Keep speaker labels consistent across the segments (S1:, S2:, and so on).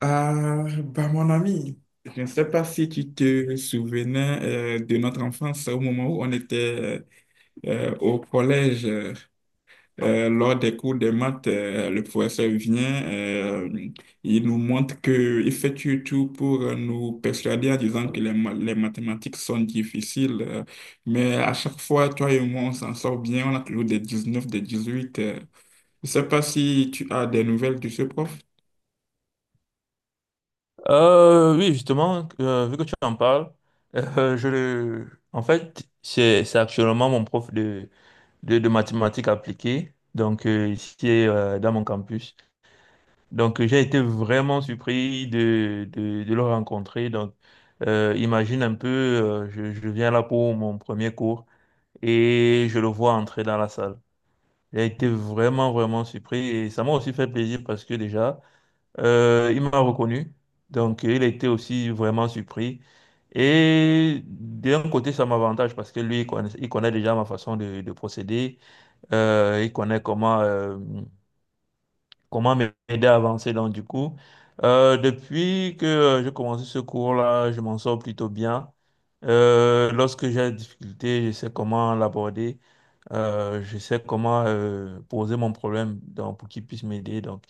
S1: Ah, bah mon ami, je ne sais pas si tu te souvenais de notre enfance au moment où on était au collège. Lors des cours de maths, le professeur vient, il nous montre qu'il fait tout tout pour nous persuader en disant que les mathématiques sont difficiles. Mais à chaque fois, toi et moi, on s'en sort bien, on a toujours des neuf des 18. Je ne sais pas si tu as des nouvelles de ce prof.
S2: Oui, justement, vu que tu en parles, je le... en fait, c'est actuellement mon prof de mathématiques appliquées, donc ici dans mon campus. Donc j'ai été vraiment surpris de le rencontrer. Donc imagine un peu, je viens là pour mon premier cours et je le vois entrer dans la salle. J'ai été vraiment, vraiment surpris et ça m'a aussi fait plaisir parce que déjà, il m'a reconnu, donc il a été aussi vraiment surpris. Et d'un côté, ça m'avantage parce que lui, il connaît déjà ma façon de procéder. Il connaît comment, comment m'aider à avancer. Donc, du coup, depuis que j'ai commencé ce cours-là, je m'en sors plutôt bien. Lorsque j'ai des difficultés, je sais comment l'aborder. Je sais comment poser mon problème donc, pour qu'il puisse m'aider. Donc,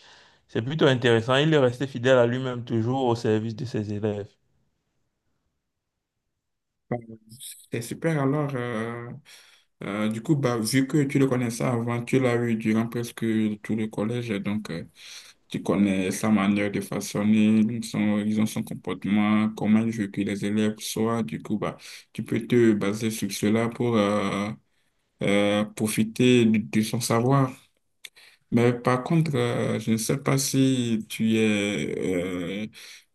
S2: c'est plutôt intéressant. Il est resté fidèle à lui-même, toujours au service de ses élèves.
S1: Bon, c'est super. Alors, du coup, bah, vu que tu le connaissais avant, tu l'as eu durant presque tout le collège, donc tu connais sa manière de façonner, son, disons, son comportement, comment il veut que les élèves soient. Du coup, bah, tu peux te baser sur cela pour profiter de son savoir. Mais par contre, je ne sais pas si tu es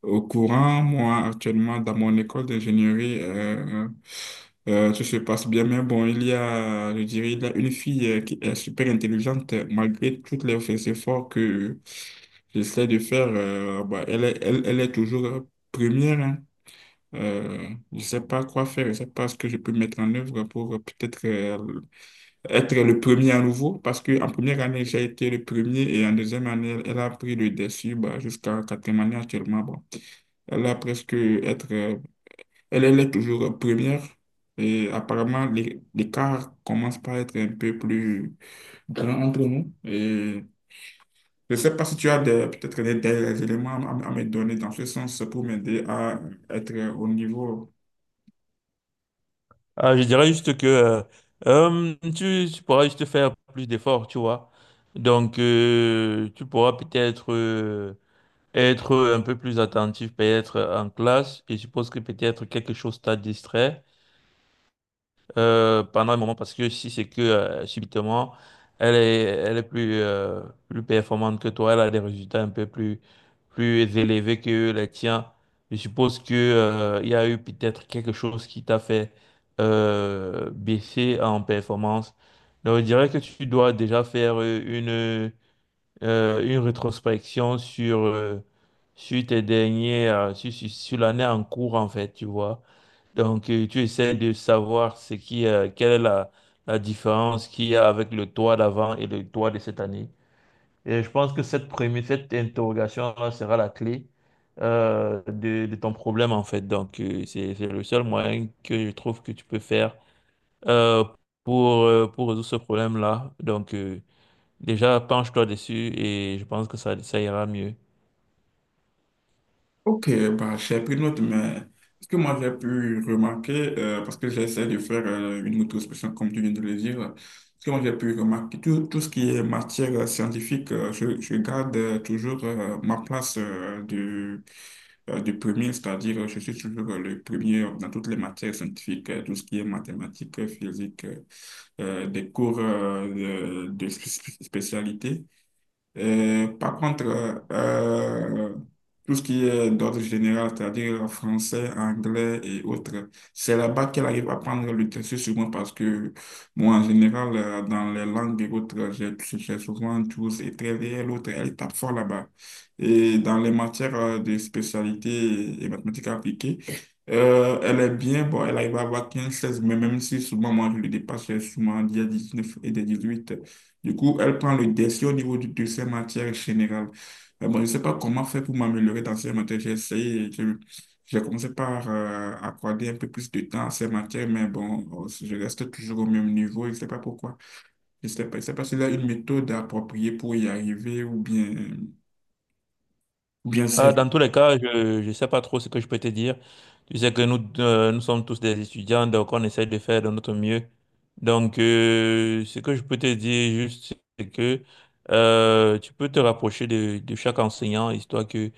S1: au courant. Moi, actuellement, dans mon école d'ingénierie, tout se passe bien. Mais bon, il y a, je dirais, il y a une fille qui est super intelligente, malgré tous les efforts que j'essaie de faire. Bah, elle est toujours première, hein. Je ne sais pas quoi faire. Je ne sais pas ce que je peux mettre en œuvre pour peut-être être le premier à nouveau, parce qu'en première année, j'ai été le premier et en deuxième année, elle, elle a pris le dessus bah, jusqu'à quatrième année actuellement. Bon, elle a presque être, elle, elle est toujours première et apparemment, l'écart commence par être un peu plus grand entre nous. Et je ne sais pas si tu as peut-être des éléments à me donner dans ce sens pour m'aider à être au niveau.
S2: Ah, je dirais juste que tu pourras juste faire plus d'efforts, tu vois. Donc, tu pourras peut-être être un peu plus attentif, peut-être en classe. Et je suppose que peut-être quelque chose t'a distrait pendant un moment parce que si c'est que subitement elle est plus, plus performante que toi, elle a des résultats un peu plus, plus élevés que les tiens. Je suppose que il y a eu peut-être quelque chose qui t'a fait baisser en performance. Donc, je dirais que tu dois déjà faire une rétrospection sur tes derniers, sur l'année en cours, en fait, tu vois. Donc, tu essaies de savoir ce qui, quelle est la différence qu'il y a avec le toit d'avant et le toit de cette année. Et je pense que cette interrogation-là sera la clé de ton problème, en fait. Donc, c'est le seul moyen que je trouve que tu peux faire euh, pour résoudre ce problème-là. Donc, déjà, penche-toi dessus et je pense que ça ira mieux.
S1: Ok, bah, j'ai pris note, mais ce que moi j'ai pu remarquer, parce que j'essaie de faire une auto-expression comme tu viens de le dire, ce que moi j'ai pu remarquer, tout, tout ce qui est matière scientifique, je garde toujours ma place de premier, c'est-à-dire je suis toujours le premier dans toutes les matières scientifiques, tout ce qui est mathématiques, physique, des cours de spécialité. Et par contre, euh, tout ce qui est d'ordre général, c'est-à-dire français, anglais et autres, c'est là-bas qu'elle arrive à prendre le dessus sur moi parce que moi, en général, dans les langues et autres, j'ai souvent 12 et très et l'autre, elle tape fort là-bas. Et dans les matières de spécialité et mathématiques appliquées, elle est bien, bon, elle arrive à avoir 15 16 mais même si souvent moi je le dépasse, j'ai souvent des neuf et des 18 du coup, elle prend le dessus au niveau de ses matières générales. Bon, je ne sais pas comment faire pour m'améliorer dans ces matières. J'ai essayé, j'ai commencé par accorder un peu plus de temps à ces matières, mais bon, je reste toujours au même niveau. Je ne sais pas pourquoi. Je ne sais pas, je sais pas s'il y a une méthode appropriée pour y arriver ou bien c'est.
S2: Ah, dans tous les cas, je ne sais pas trop ce que je peux te dire. Tu sais que nous, nous sommes tous des étudiants, donc on essaie de faire de notre mieux. Donc, ce que je peux te dire juste, c'est que tu peux te rapprocher de chaque enseignant, histoire que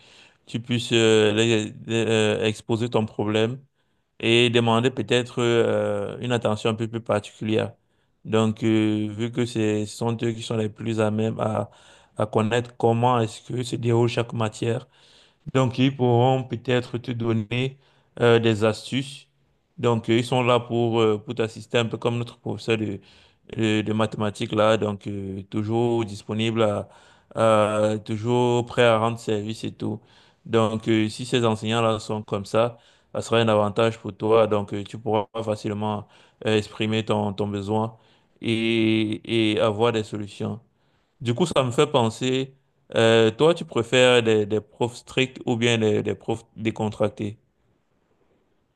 S2: tu puisses exposer ton problème et demander peut-être une attention un peu plus particulière. Donc, vu que ce sont eux qui sont les plus à même à connaître comment est-ce que se déroule chaque matière. Donc, ils pourront peut-être te donner des astuces. Donc, ils sont là pour t'assister un peu comme notre professeur de mathématiques là. Donc, toujours disponible toujours prêt à rendre service et tout. Donc, si ces enseignants-là sont comme ça sera un avantage pour toi. Donc, tu pourras facilement exprimer ton, ton besoin et avoir des solutions. Du coup, ça me fait penser, toi, tu préfères des profs stricts ou bien des profs décontractés?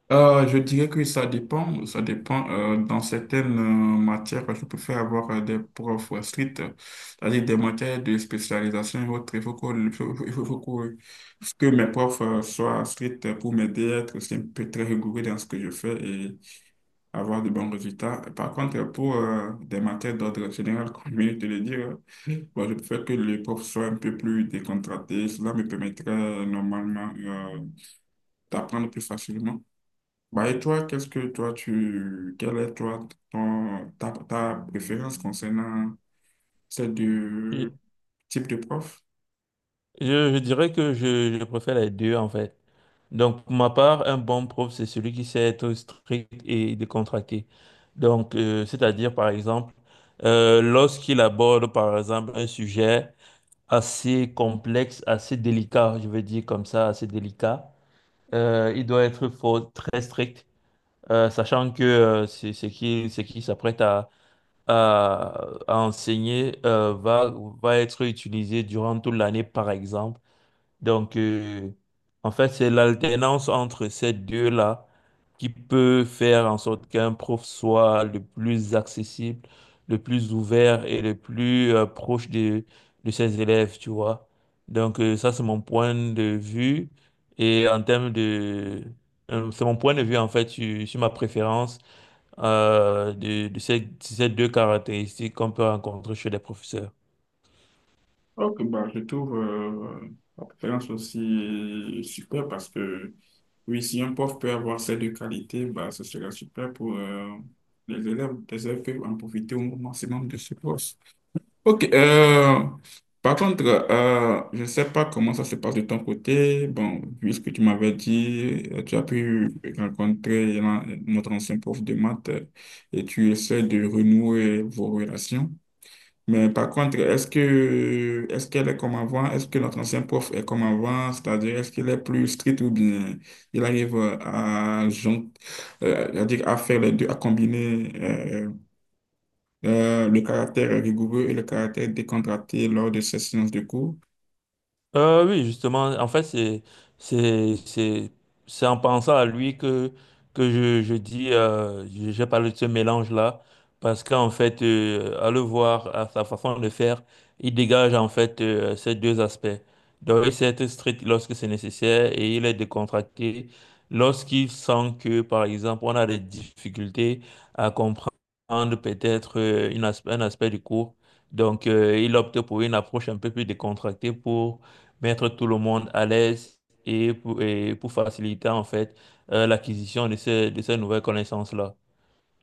S1: Je dirais que ça dépend. Ça dépend. Dans certaines matières, je préfère avoir des profs stricts, c'est-à-dire des matières de spécialisation et autres. Il faut que, il faut- il faut- il faut que, mes profs soient stricts pour m'aider à être aussi un peu très rigoureux dans ce que je fais et avoir de bons résultats. Par contre, pour des matières d'ordre général, comme je viens de te le dire, moi, je préfère que les profs soient un peu plus décontractés. Cela me permettrait normalement d'apprendre plus facilement. Bah, et toi, qu'est-ce que toi tu quelle est ta préférence concernant ces
S2: Je,
S1: deux types de profs?
S2: je dirais que je préfère les deux, en fait. Donc, pour ma part, un bon prof, c'est celui qui sait être strict et décontracté. Donc, c'est-à-dire, par exemple, lorsqu'il aborde, par exemple, un sujet assez complexe, assez délicat, je veux dire comme ça, assez délicat, il doit être très strict, sachant que c'est ce ce qui s'apprête à enseigner va être utilisé durant toute l'année, par exemple. Donc, en fait, c'est l'alternance entre ces deux-là qui peut faire en sorte qu'un prof soit le plus accessible, le plus ouvert et le plus proche de ses élèves, tu vois. Donc, ça, c'est mon point de vue. Et en termes de... C'est mon point de vue, en fait, sur ma préférence de ces deux caractéristiques qu'on peut rencontrer chez les professeurs.
S1: Ok, bah je trouve la préférence aussi super parce que oui, si un prof peut avoir ces deux qualités, bah ce serait super pour les élèves. Les élèves peuvent en profiter au maximum de ce prof. Ok, par contre, je ne sais pas comment ça se passe de ton côté. Bon, vu ce que tu m'avais dit, tu as pu rencontrer notre ancien prof de maths, et tu essaies de renouer vos relations. Mais par contre, est-ce qu'elle est comme avant? Est-ce que notre ancien prof est comme avant? C'est-à-dire, est-ce qu'il est plus strict ou bien il arrive à, jon- à faire les deux, à combiner le caractère rigoureux et le caractère décontracté lors de ces séances de cours.
S2: Oui, justement, en fait, c'est, c'est, c'est en pensant à lui que je dis, j'ai parlé de ce mélange-là, parce qu'en fait, à le voir, à sa façon de faire, il dégage en fait ces deux aspects. Donc, il sait être strict lorsque c'est nécessaire et il est décontracté lorsqu'il sent que, par exemple, on a des difficultés à comprendre peut-être un aspect du cours. Donc, il opte pour une approche un peu plus décontractée pour mettre tout le monde à l'aise et pour faciliter en fait l'acquisition de de ces nouvelles connaissances-là.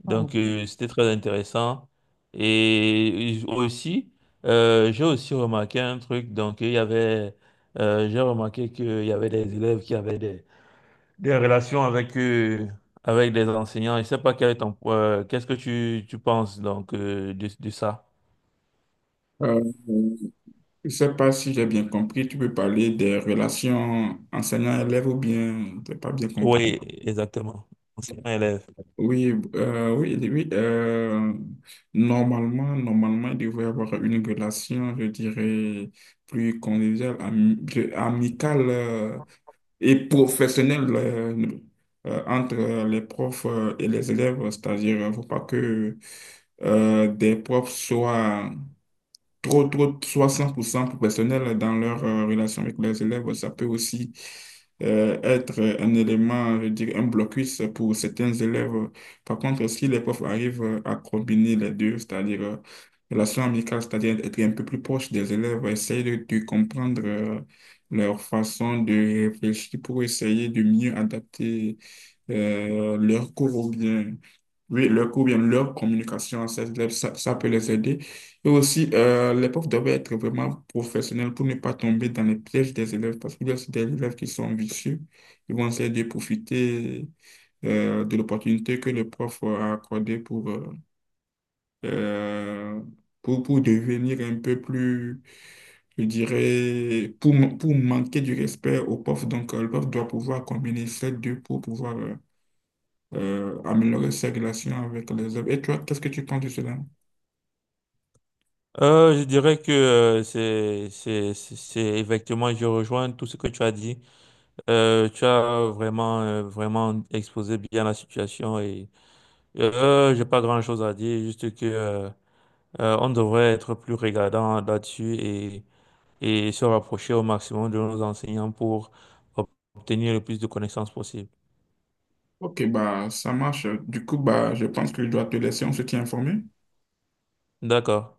S2: Donc
S1: Mhm.
S2: c'était très intéressant. Et aussi, j'ai aussi remarqué un truc, donc il y avait, j'ai remarqué qu'il y avait des élèves qui avaient des relations avec, avec des enseignants. Je sais pas quel est ton, qu'est-ce que tu penses donc de ça?
S1: Euh, je ne sais pas si j'ai bien compris, tu peux parler des relations enseignant-élève ou bien, je n'ai pas bien compris.
S2: Oui, exactement. Enseignant-élève.
S1: Oui, oui, oui. Oui, normalement, il devrait y avoir une relation, je dirais, plus conviviale, amicale et professionnelle entre les profs et les élèves. C'est-à-dire, il ne faut pas que des profs soient trop, trop, soit 100% professionnels dans leur relation avec leurs élèves. Ça peut aussi être un élément, je veux dire, un blocus pour certains élèves. Par contre, si les profs arrivent à combiner les deux, c'est-à-dire relation amicale, c'est-à-dire être un peu plus proche des élèves, essayer de comprendre leur façon de réfléchir pour essayer de mieux adapter leur cours ou bien oui, leur cours, bien leur communication, ça, peut les aider. Et aussi, les profs doivent être vraiment professionnels pour ne pas tomber dans les pièges des élèves, parce qu'il y a aussi des élèves qui sont vicieux. Ils vont essayer de profiter de l'opportunité que le prof a accordée euh, pour devenir un peu plus, je dirais, pour manquer du respect au prof. Donc, le prof doit pouvoir combiner ces deux pour pouvoir améliorer ses relations avec les autres. Et toi, qu'est-ce que tu penses de cela?
S2: Je dirais que c'est effectivement je rejoins tout ce que tu as dit. Tu as vraiment vraiment exposé bien la situation et j'ai pas grand-chose à dire juste que on devrait être plus regardant là-dessus et se rapprocher au maximum de nos enseignants pour ob- obtenir le plus de connaissances possible.
S1: Ok, bah, ça marche. Du coup, bah, je pense que je dois te laisser, on se tient informé.
S2: D'accord.